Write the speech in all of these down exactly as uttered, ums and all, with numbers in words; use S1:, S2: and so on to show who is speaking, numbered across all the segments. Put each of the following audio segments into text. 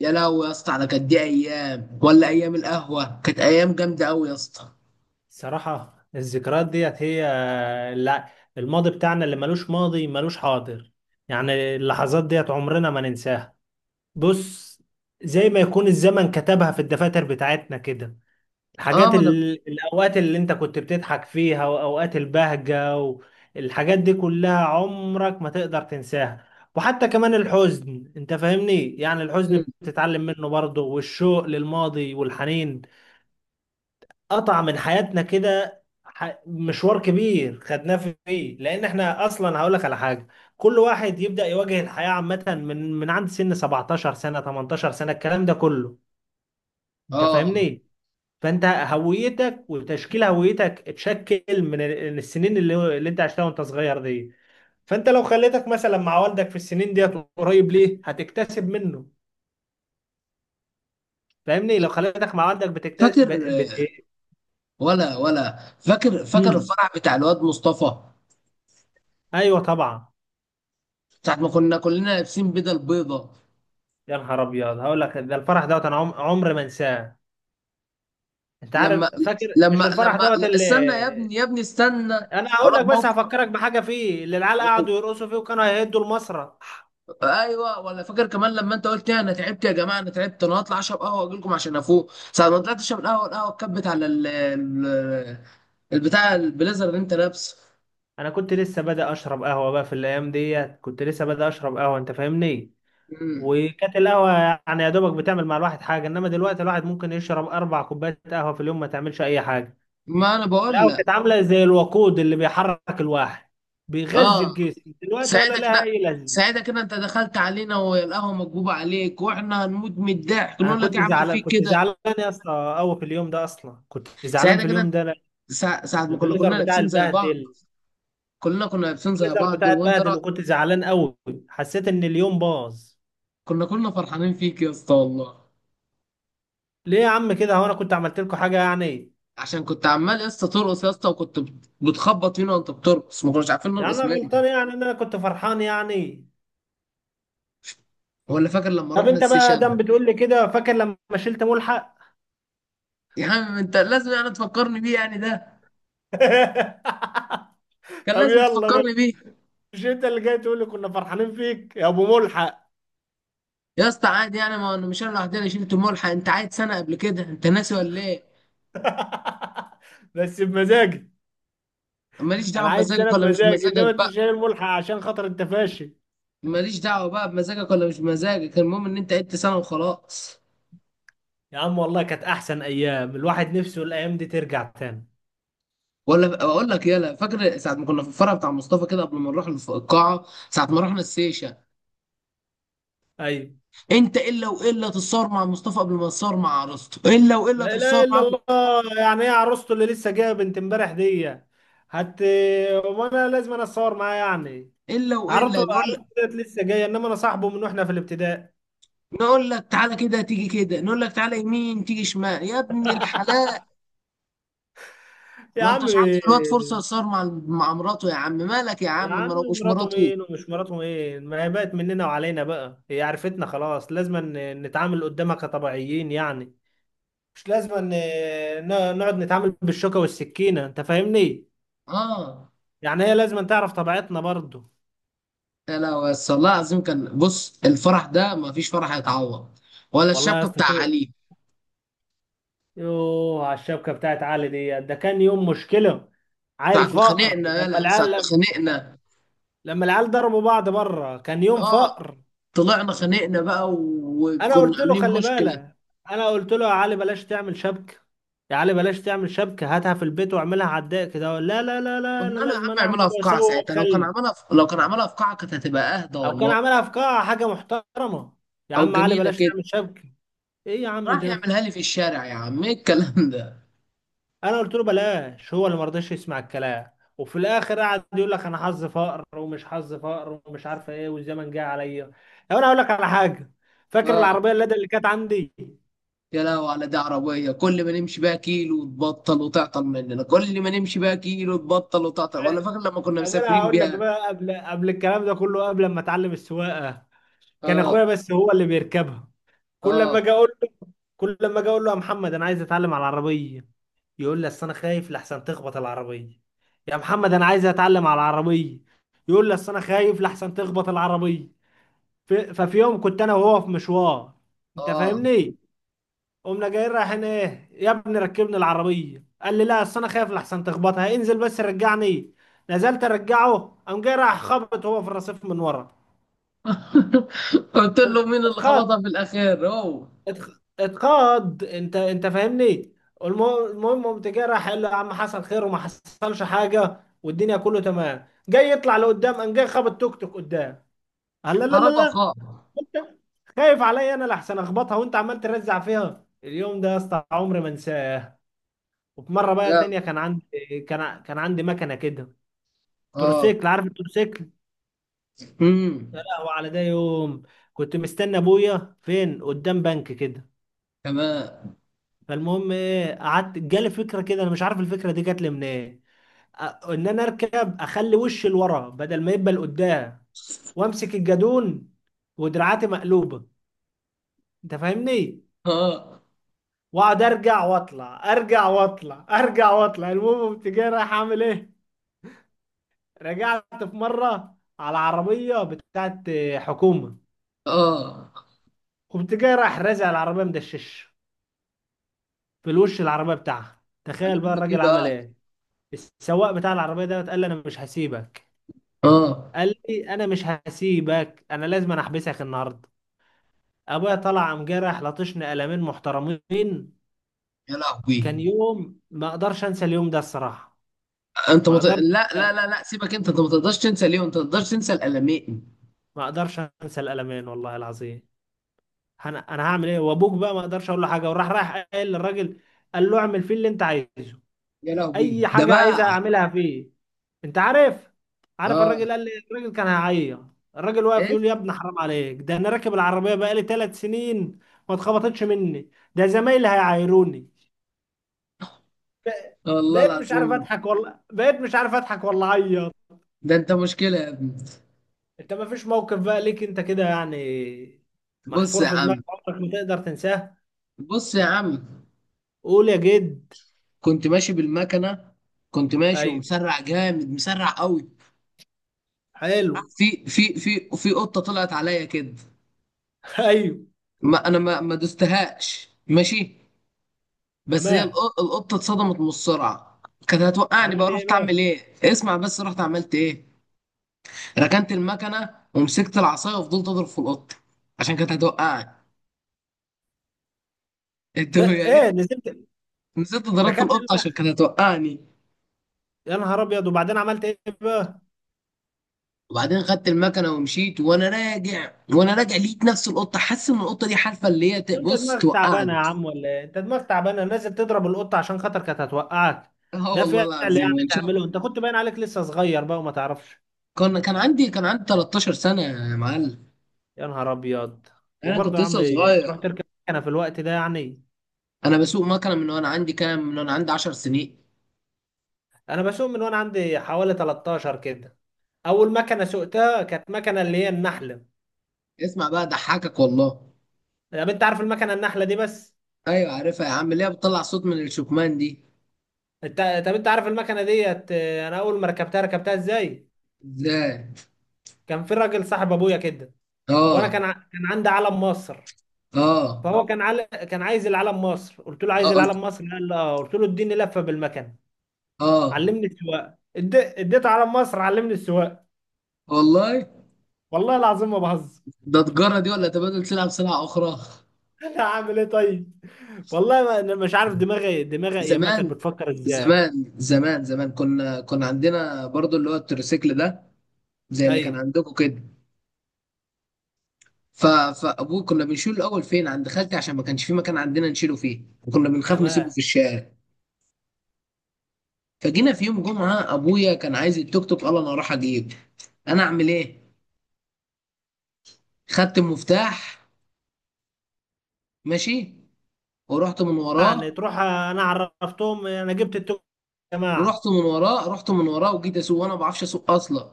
S1: يا لهوي يا اسطى على كانت دي ايام ولا ايام القهوه، كانت ايام جامده قوي يا اسطى.
S2: صراحة الذكريات ديت هي. لا، الماضي بتاعنا اللي ملوش ماضي ملوش حاضر، يعني اللحظات ديت عمرنا ما ننساها. بص، زي ما يكون الزمن كتبها في الدفاتر بتاعتنا كده.
S1: اه
S2: الحاجات
S1: ما انا
S2: ال... الأوقات اللي انت كنت بتضحك فيها وأوقات البهجة، والحاجات دي كلها عمرك ما تقدر تنساها. وحتى كمان الحزن، انت فاهمني، يعني
S1: بقول.
S2: الحزن بتتعلم منه برضه، والشوق للماضي والحنين قطع من حياتنا كده. ح- مشوار كبير خدناه في- فيه، لان احنا اصلا هقول لك على حاجه. كل واحد يبدا يواجه الحياه عامه من من عند سن سبعتاشر سنه تمنتاشر سنه الكلام ده كله، انت
S1: اه
S2: فاهمني. فانت هويتك وتشكيل هويتك اتشكل من ال- السنين اللي اللي انت عشتها وانت صغير دي. فانت لو خليتك مثلا مع والدك في السنين ديت، قريب ليه هتكتسب منه. فاهمني؟ لو خليتك مع والدك بتكتسب
S1: فاكر
S2: بت... بت... إيه؟
S1: ولا ولا فاكر فاكر
S2: مم.
S1: الفرح بتاع الواد مصطفى
S2: ايوه طبعا.
S1: ساعه ما كنا كلنا لابسين بدل بيضه.
S2: يا نهار ابيض، هقول لك ده الفرح دوت انا عم- عمري ما انساه. انت
S1: لما
S2: عارف، فاكر مش
S1: لما
S2: الفرح
S1: لما
S2: دوت اللي
S1: استنى يا ابني يا ابني استنى
S2: انا
S1: اقول
S2: هقول
S1: لك
S2: لك؟ بس
S1: موقف.
S2: هفكرك بحاجه فيه، اللي العيال قعدوا يرقصوا فيه وكانوا هيهدوا المسرح.
S1: ايوه ولا فاكر كمان لما انت قلت انا تعبت يا جماعه، انا تعبت، انا هطلع اشرب قهوه واجي لكم عشان افوق. ساعه ما طلعت اشرب القهوه، القهوه اتكبت على ال ال- البتاع البليزر اللي انت لابسه.
S2: انا كنت لسه بادئ اشرب قهوه بقى في الايام ديت، كنت لسه بادئ اشرب قهوه، انت فاهمني.
S1: مم.
S2: وكانت القهوه يعني يا دوبك بتعمل مع الواحد حاجه، انما دلوقتي الواحد ممكن يشرب اربع كوبايات قهوه في اليوم ما تعملش اي حاجه.
S1: ما انا بقول
S2: القهوه
S1: لك.
S2: كانت عامله زي الوقود اللي بيحرك الواحد، بيغذي
S1: اه
S2: الجسم. دلوقتي ولا
S1: ساعتها
S2: لها
S1: كده.
S2: اي لازمه.
S1: ساعتها كده انت دخلت علينا والقهوه مكبوبه عليك واحنا هنموت من الضحك
S2: انا
S1: نقول لك ايه
S2: كنت
S1: عمل
S2: زعلان،
S1: فيك
S2: كنت
S1: كده.
S2: زعلان يا اسطى قوي في اليوم ده، اصلا كنت زعلان
S1: ساعتها
S2: في
S1: كده
S2: اليوم ده لأن
S1: سا- ساعه ما كنا
S2: البليزر
S1: كنا
S2: بتاع
S1: لابسين زي بعض،
S2: البهدل.
S1: كلنا كنا لابسين زي
S2: البليزر
S1: بعض
S2: بتاع
S1: وانت
S2: البهدل،
S1: رأ...
S2: وكنت زعلان قوي، حسيت ان اليوم باظ.
S1: كنا كلنا فرحانين فيك يا اسطى والله.
S2: ليه يا عم كده؟ هو انا كنت عملت لكم حاجه يعني؟
S1: عشان كنت عمال يا اسطى ترقص يا اسطى وكنت بت- بتخبط فينا وانت بترقص ما كناش عارفين
S2: يعني
S1: نرقص
S2: انا
S1: منك.
S2: غلطان يعني ان انا كنت فرحان يعني؟
S1: ولا فاكر لما
S2: طب
S1: رحنا
S2: انت بقى
S1: السيشن؟
S2: دم بتقول لي كده؟ فاكر لما شلت ملحق؟
S1: يا عم انت لازم يعني تفكرني بيه يعني ده كان
S2: طب
S1: لازم
S2: يلا بقى.
S1: تفكرني بيه.
S2: مش انت اللي جاي تقول لي كنا فرحانين فيك يا ابو ملحق؟
S1: يا اسطى عادي يعني، ما انا مش انا لوحدي اللي شلت الملحق، انت عايد سنه قبل كده، انت ناسي ولا ايه؟
S2: بس بمزاجك.
S1: ماليش
S2: انا
S1: دعوه
S2: عايز
S1: بمزاجك
S2: سنه
S1: ولا مش
S2: بمزاج، انما
S1: بمزاجك
S2: انت
S1: بقى.
S2: شايل ملحق عشان خاطر انت فاشل.
S1: ماليش دعوه بقى بمزاجك ولا مش بمزاجك، المهم ان انت عدت سنه وخلاص.
S2: يا عم والله كانت احسن ايام، الواحد نفسه الايام دي ترجع تاني.
S1: ولا اقول لك، يلا فاكر ساعه ما كنا في الفرع بتاع مصطفى كده قبل ما نروح الف- القاعه، ساعه ما رحنا السيشه؟
S2: ايوه.
S1: انت الا والا تتصور مع مصطفى قبل ما تتصور مع عروسته، الا والا
S2: لا
S1: تتصور
S2: اله الا
S1: مع
S2: الله، يعني ايه عروسته اللي لسه جايه بنت امبارح دي؟ هت، وانا لازم انا اتصور معاه يعني؟
S1: الا
S2: عروسته
S1: والا نقول،
S2: عروسته ديت لسه جايه، انما انا صاحبه من واحنا في الابتدائي.
S1: نقول لك تعالى كده تيجي كده، نقول لك تعالى يمين تيجي شمال يا ابن الحلال.
S2: يا
S1: ما
S2: عم،
S1: انتش عاطي الواد فرصه يصار مع مع مراته يا عم، مالك يا
S2: يا
S1: عم، ما
S2: عم
S1: لو مش
S2: مراته
S1: مراته.
S2: مين ومش مراته مين؟ ما هي بقت مننا وعلينا بقى، هي عرفتنا خلاص، لازم ن- نتعامل قدامها كطبيعيين يعني، مش لازم ان ن- نقعد نتعامل بالشوكة والسكينة، انت فاهمني.
S1: اه
S2: يعني هي لازم تعرف طبيعتنا برضو.
S1: يا لا، بس والله العظيم كان، بص، الفرح ده ما فيش فرح هيتعوض. ولا
S2: والله يا
S1: الشبكه
S2: اسطى
S1: بتاع
S2: شو.
S1: علي؟
S2: يوه، على الشبكة بتاعت علي دي، ده كان يوم مشكلة. عيل
S1: ساعه ما
S2: فقر
S1: خانقنا،
S2: لما
S1: يلا ساعه ما
S2: العيال،
S1: خانقنا.
S2: لما العيال ضربوا بعض بره، كان يوم
S1: اه
S2: فقر.
S1: طلعنا خانقنا بقى
S2: انا
S1: وكنا
S2: قلت له
S1: عاملين
S2: خلي
S1: مشكله.
S2: بالك، انا قلت له يا علي بلاش تعمل شبكة، يا علي بلاش تعمل شبكة، هاتها في البيت واعملها على الضيق كده. لا لا لا لا، انا
S1: قلنا له يا
S2: لازم
S1: عم
S2: انا اعمل
S1: اعملها في
S2: واسوي
S1: قاعه، ساعتها لو كان
S2: واخلي.
S1: عملها في... لو كان عملها في قاعه كانت هتبقى اهدى
S2: او كان
S1: والله.
S2: عاملها في قاعة حاجة محترمة. يا
S1: او
S2: عم علي
S1: جنينه
S2: بلاش
S1: كده.
S2: تعمل شبكة. ايه يا عم
S1: راح
S2: ده!
S1: يعملها لي في الشارع، يا عم ايه الكلام ده.
S2: انا قلت له بلاش، هو اللي ما رضاش يسمع الكلام. وفي الاخر قعد يقول لك انا حظ فقر ومش حظ فقر ومش عارفه ايه والزمن جه عليا. طب انا هقول لك على حاجه، فاكر
S1: اه
S2: العربيه اللي اللي كانت عندي؟
S1: يا لهوي على ده عربية، كل ما نمشي بقى كيلو تبطل وتعطل مننا، كل ما نمشي بقى كيلو تبطل وتعطل. ولا فاكر لما كنا
S2: طب انا
S1: مسافرين
S2: هقول لك
S1: بيها؟
S2: بقى، قبل قبل الكلام ده كله، قبل ما اتعلم السواقه كان
S1: اه.
S2: اخويا بس هو اللي بيركبها. كل لما
S1: اه.
S2: اجي اقول له، كل لما اجي اقول له يا محمد انا عايز اتعلم على العربيه، يقول لي اصل انا خايف لحسن تخبط العربيه. يا محمد انا عايز اتعلم على العربيه، يقول لي اصل انا خايف لحسن تخبط العربيه. ف- ففي يوم كنت انا وهو في مشوار، انت
S1: اه.
S2: فاهمني، قمنا جايين رايحين ايه، يا ابني ركبني العربيه. قال لي لا، اصل انا خايف لحسن تخبطها، انزل بس رجعني. نزلت ارجعه، قام جاي راح خبط هو في الرصيف من ورا.
S1: قلت له مين اللي
S2: اتخبط،
S1: خبطها في الأخير؟ هو
S2: اتخ- اتقاد، انت انت فاهمني. والم- المهم قمت جاي، راح قال له يا عم حصل خير وما حصلش حاجه والدنيا كله تمام. جاي يطلع لقدام، قام جاي خبط توك توك قدام. قال لا لا لا
S1: خربها،
S2: لا.
S1: خاب.
S2: انت خايف عليا انا لحسن اخبطها، وانت عمال ترزع فيها؟ اليوم ده يا اسطى عمري ما انساه. وفي مره بقى
S1: اه.
S2: تانية كان عندي، كان ع- كان عندي مكنه كده،
S1: اه.
S2: تروسيكل، عارف التروسيكل؟
S1: امم.
S2: يا لهوي على ده يوم. كنت مستني ابويا فين قدام بنك كده.
S1: تمام.
S2: فالمهم ايه، قعدت جالي فكره كده، انا مش عارف الفكره دي جات لي منين. أ- ان انا اركب اخلي وشي لورا بدل ما يبقى لقدام، وامسك الجادون ودراعاتي مقلوبه، انت فاهمني.
S1: اه.
S2: واقعد ارجع واطلع، ارجع واطلع، ارجع واطلع. المهم كنت جاي رايح اعمل ايه، رجعت في مره على عربيه بتاعت حكومه.
S1: اه.
S2: كنت جاي رايح رازع العربيه مدشش في الوش العربيه بتاعها. تخيل بقى
S1: عملوا لك ايه
S2: الراجل عمل
S1: بقى؟
S2: ايه. السواق بتاع العربيه ده قال لي انا مش هسيبك،
S1: اه.
S2: قال لي انا مش هسيبك، انا لازم أنا احبسك النهارده. ابويا طلع قام جرح، لطشني قلمين محترمين.
S1: يا
S2: كان
S1: لهوي.
S2: يوم ما اقدرش انسى اليوم ده الصراحه.
S1: انت
S2: ما
S1: مت...
S2: اقدرش،
S1: لا لا لا لا سيبك، انت انت ما تقدرش تنسى ليه، انت ما تقدرش تنسى الالمين.
S2: ما اقدرش انسى القلمين والله العظيم. انا انا هعمل ايه وابوك بقى؟ ما اقدرش اقول له حاجه، وراح رايح قايل للراجل، قال له اعمل فيه اللي انت عايزه،
S1: يا
S2: اي
S1: لهوي ده
S2: حاجه
S1: بقى.
S2: عايزها اعملها فيه. انت عارف عارف
S1: اه.
S2: الراجل قال لي، الراجل كان هيعيط، الراجل واقف
S1: إيه؟
S2: يقول لي يا ابني حرام عليك، ده انا راكب العربيه بقالي ثلاث سنين ما اتخبطتش مني، ده زمايلي هيعايروني.
S1: والله
S2: بقيت مش عارف
S1: العظيم.
S2: اضحك، ولا بقيت مش عارف اضحك ولا اعيط.
S1: ده انت مشكلة يا ابني.
S2: انت ما فيش موقف بقى ليك انت كده يعني،
S1: بص
S2: محفور
S1: يا
S2: في
S1: عم.
S2: دماغك عمرك ما تقدر تنساه.
S1: بص يا عم
S2: قول يا جد.
S1: كنت ماشي بالمكنة. كنت ماشي
S2: ايوه،
S1: ومسرع جامد، مسرع قوي،
S2: حلو.
S1: في في في في قطة طلعت عليا كده.
S2: ايوه،
S1: ما انا ما ما دوستهاش ماشي، بس هي
S2: تمام.
S1: الق- القطة اتصدمت من السرعة. كانت هتوقعني
S2: عملت
S1: بقى،
S2: ايه
S1: رحت اعمل
S2: بقى؟
S1: ايه، اسمع بس رحت عملت ايه. ركنت المكنة ومسكت العصاية وفضلت اضرب في القطة، عشان كانت هتوقعني. انت
S2: لا
S1: يا ريت.
S2: ايه، نزلت،
S1: نسيت، ضربت
S2: ركبت.
S1: القطة عشان كانت هتوقعني.
S2: يا نهار ابيض، وبعدين عملت ايه بقى؟
S1: وبعدين خدت المكنه ومشيت، وانا راجع وانا راجع لقيت نفس القطه، حاسس ان القطه دي حالفه اللي هي ت-
S2: انت
S1: بص
S2: دماغك تعبانه
S1: توقعني.
S2: يا عم ولا ايه؟ انت دماغك تعبانه، نازل تضرب القطه عشان خاطر كانت هتوقعك؟
S1: اه
S2: ده
S1: والله
S2: فعل يعني
S1: العظيم شوف.
S2: تعمله انت؟ كنت باين عليك لسه صغير بقى وما تعرفش.
S1: كان كان عندي كان عندي تلتاشر سنه يا معلم.
S2: يا نهار ابيض.
S1: انا
S2: وبرضه
S1: كنت
S2: يا عم
S1: لسه صغير.
S2: تروح تركب مكنه في الوقت ده يعني؟
S1: انا بسوق مكنه من وانا عندي كام، من وانا عندي عشر سنين.
S2: انا بسوق من وانا عندي حوالي تلتاشر كده. اول مكنه سوقتها كانت مكنه اللي هي النحله.
S1: اسمع بقى ضحكك والله.
S2: طب انت عارف المكنه النحله دي بس؟
S1: ايوه عارفها يا عم، اللي هي بتطلع صوت من الشكمان دي.
S2: انت طب انت عارف المكنه ديت، اه، انا اول ما ركبتها ركبتها ازاي؟
S1: ازاي؟
S2: كان في راجل صاحب ابويا كده، وانا
S1: اه.
S2: كان ع- كان عندي علم مصر.
S1: اه.
S2: فهو كان عل... كان عايز العلم مصر، قلت له عايز
S1: اه.
S2: العلم مصر، قال لي اه، قلت له اديني لفه بالمكان
S1: اه.
S2: علمني السواقه. اد- اديته علم مصر علمني السواقه.
S1: والله.
S2: والله العظيم ما بهزر.
S1: ده تجاره دي ولا تبادل سلعه بسلعه اخرى؟
S2: انا هعمل ايه طيب، والله ما... انا مش عارف دماغي دماغي يا ما
S1: زمان،
S2: كانت بتفكر ازاي.
S1: زمان زمان زمان كنا كنا عندنا برضو اللي هو التروسيكل ده، زي اللي كان
S2: ايوه،
S1: عندكم كده. ف... فابوه كنا بنشيله الاول فين عند خالتي عشان ما كانش في مكان عندنا نشيله فيه، وكنا بنخاف نسيبه في
S2: تمام.
S1: الشارع. فجينا في يوم جمعه ابويا كان عايز التوك توك، قال انا هروح اجيب. انا اعمل ايه؟ خدت المفتاح، ماشي، ورحت من
S2: يعني
S1: وراه.
S2: تروح انا عرفتهم انا جبت التوك يا جماعه.
S1: رحت من وراه رحت من وراه وجيت اسوق وانا ما بعرفش اسوق اصلا.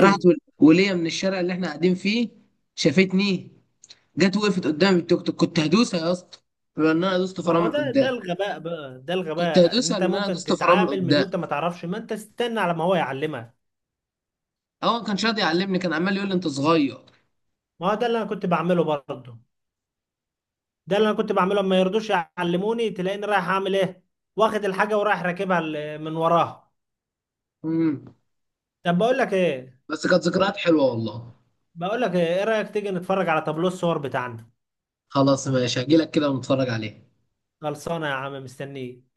S1: راحت ول- ولية من الشارع اللي احنا قاعدين فيه، شافتني، جت وقفت قدام التوك توك. كنت هدوسها يا اسطى لان انا دوست
S2: ما هو
S1: فرامل
S2: ده ده
S1: قدام.
S2: الغباء بقى، ده
S1: كنت
S2: الغباء.
S1: هدوسها
S2: انت
S1: لان انا
S2: ممكن
S1: دوست فرامل
S2: تتعامل من
S1: قدام.
S2: وانت ما تعرفش؟ ما انت استنى على ما هو يعلمك.
S1: هو ما كانش راضي يعلمني، كان عمال يقول لي انت صغير.
S2: ما هو ده اللي انا كنت بعمله برضه، ده اللي انا كنت بعمله، ما يرضوش يعلموني، تلاقيني رايح اعمل ايه، واخد الحاجه ورايح راكبها ال- من وراها.
S1: امم.
S2: طب بقول لك ايه
S1: بس كانت ذكريات حلوه والله.
S2: بقول لك ايه، إيه رايك تيجي نتفرج على تابلو الصور بتاعنا؟
S1: خلاص ماشي هجيلك كده ونتفرج عليه.
S2: خلصانه يا عم، مستنيك.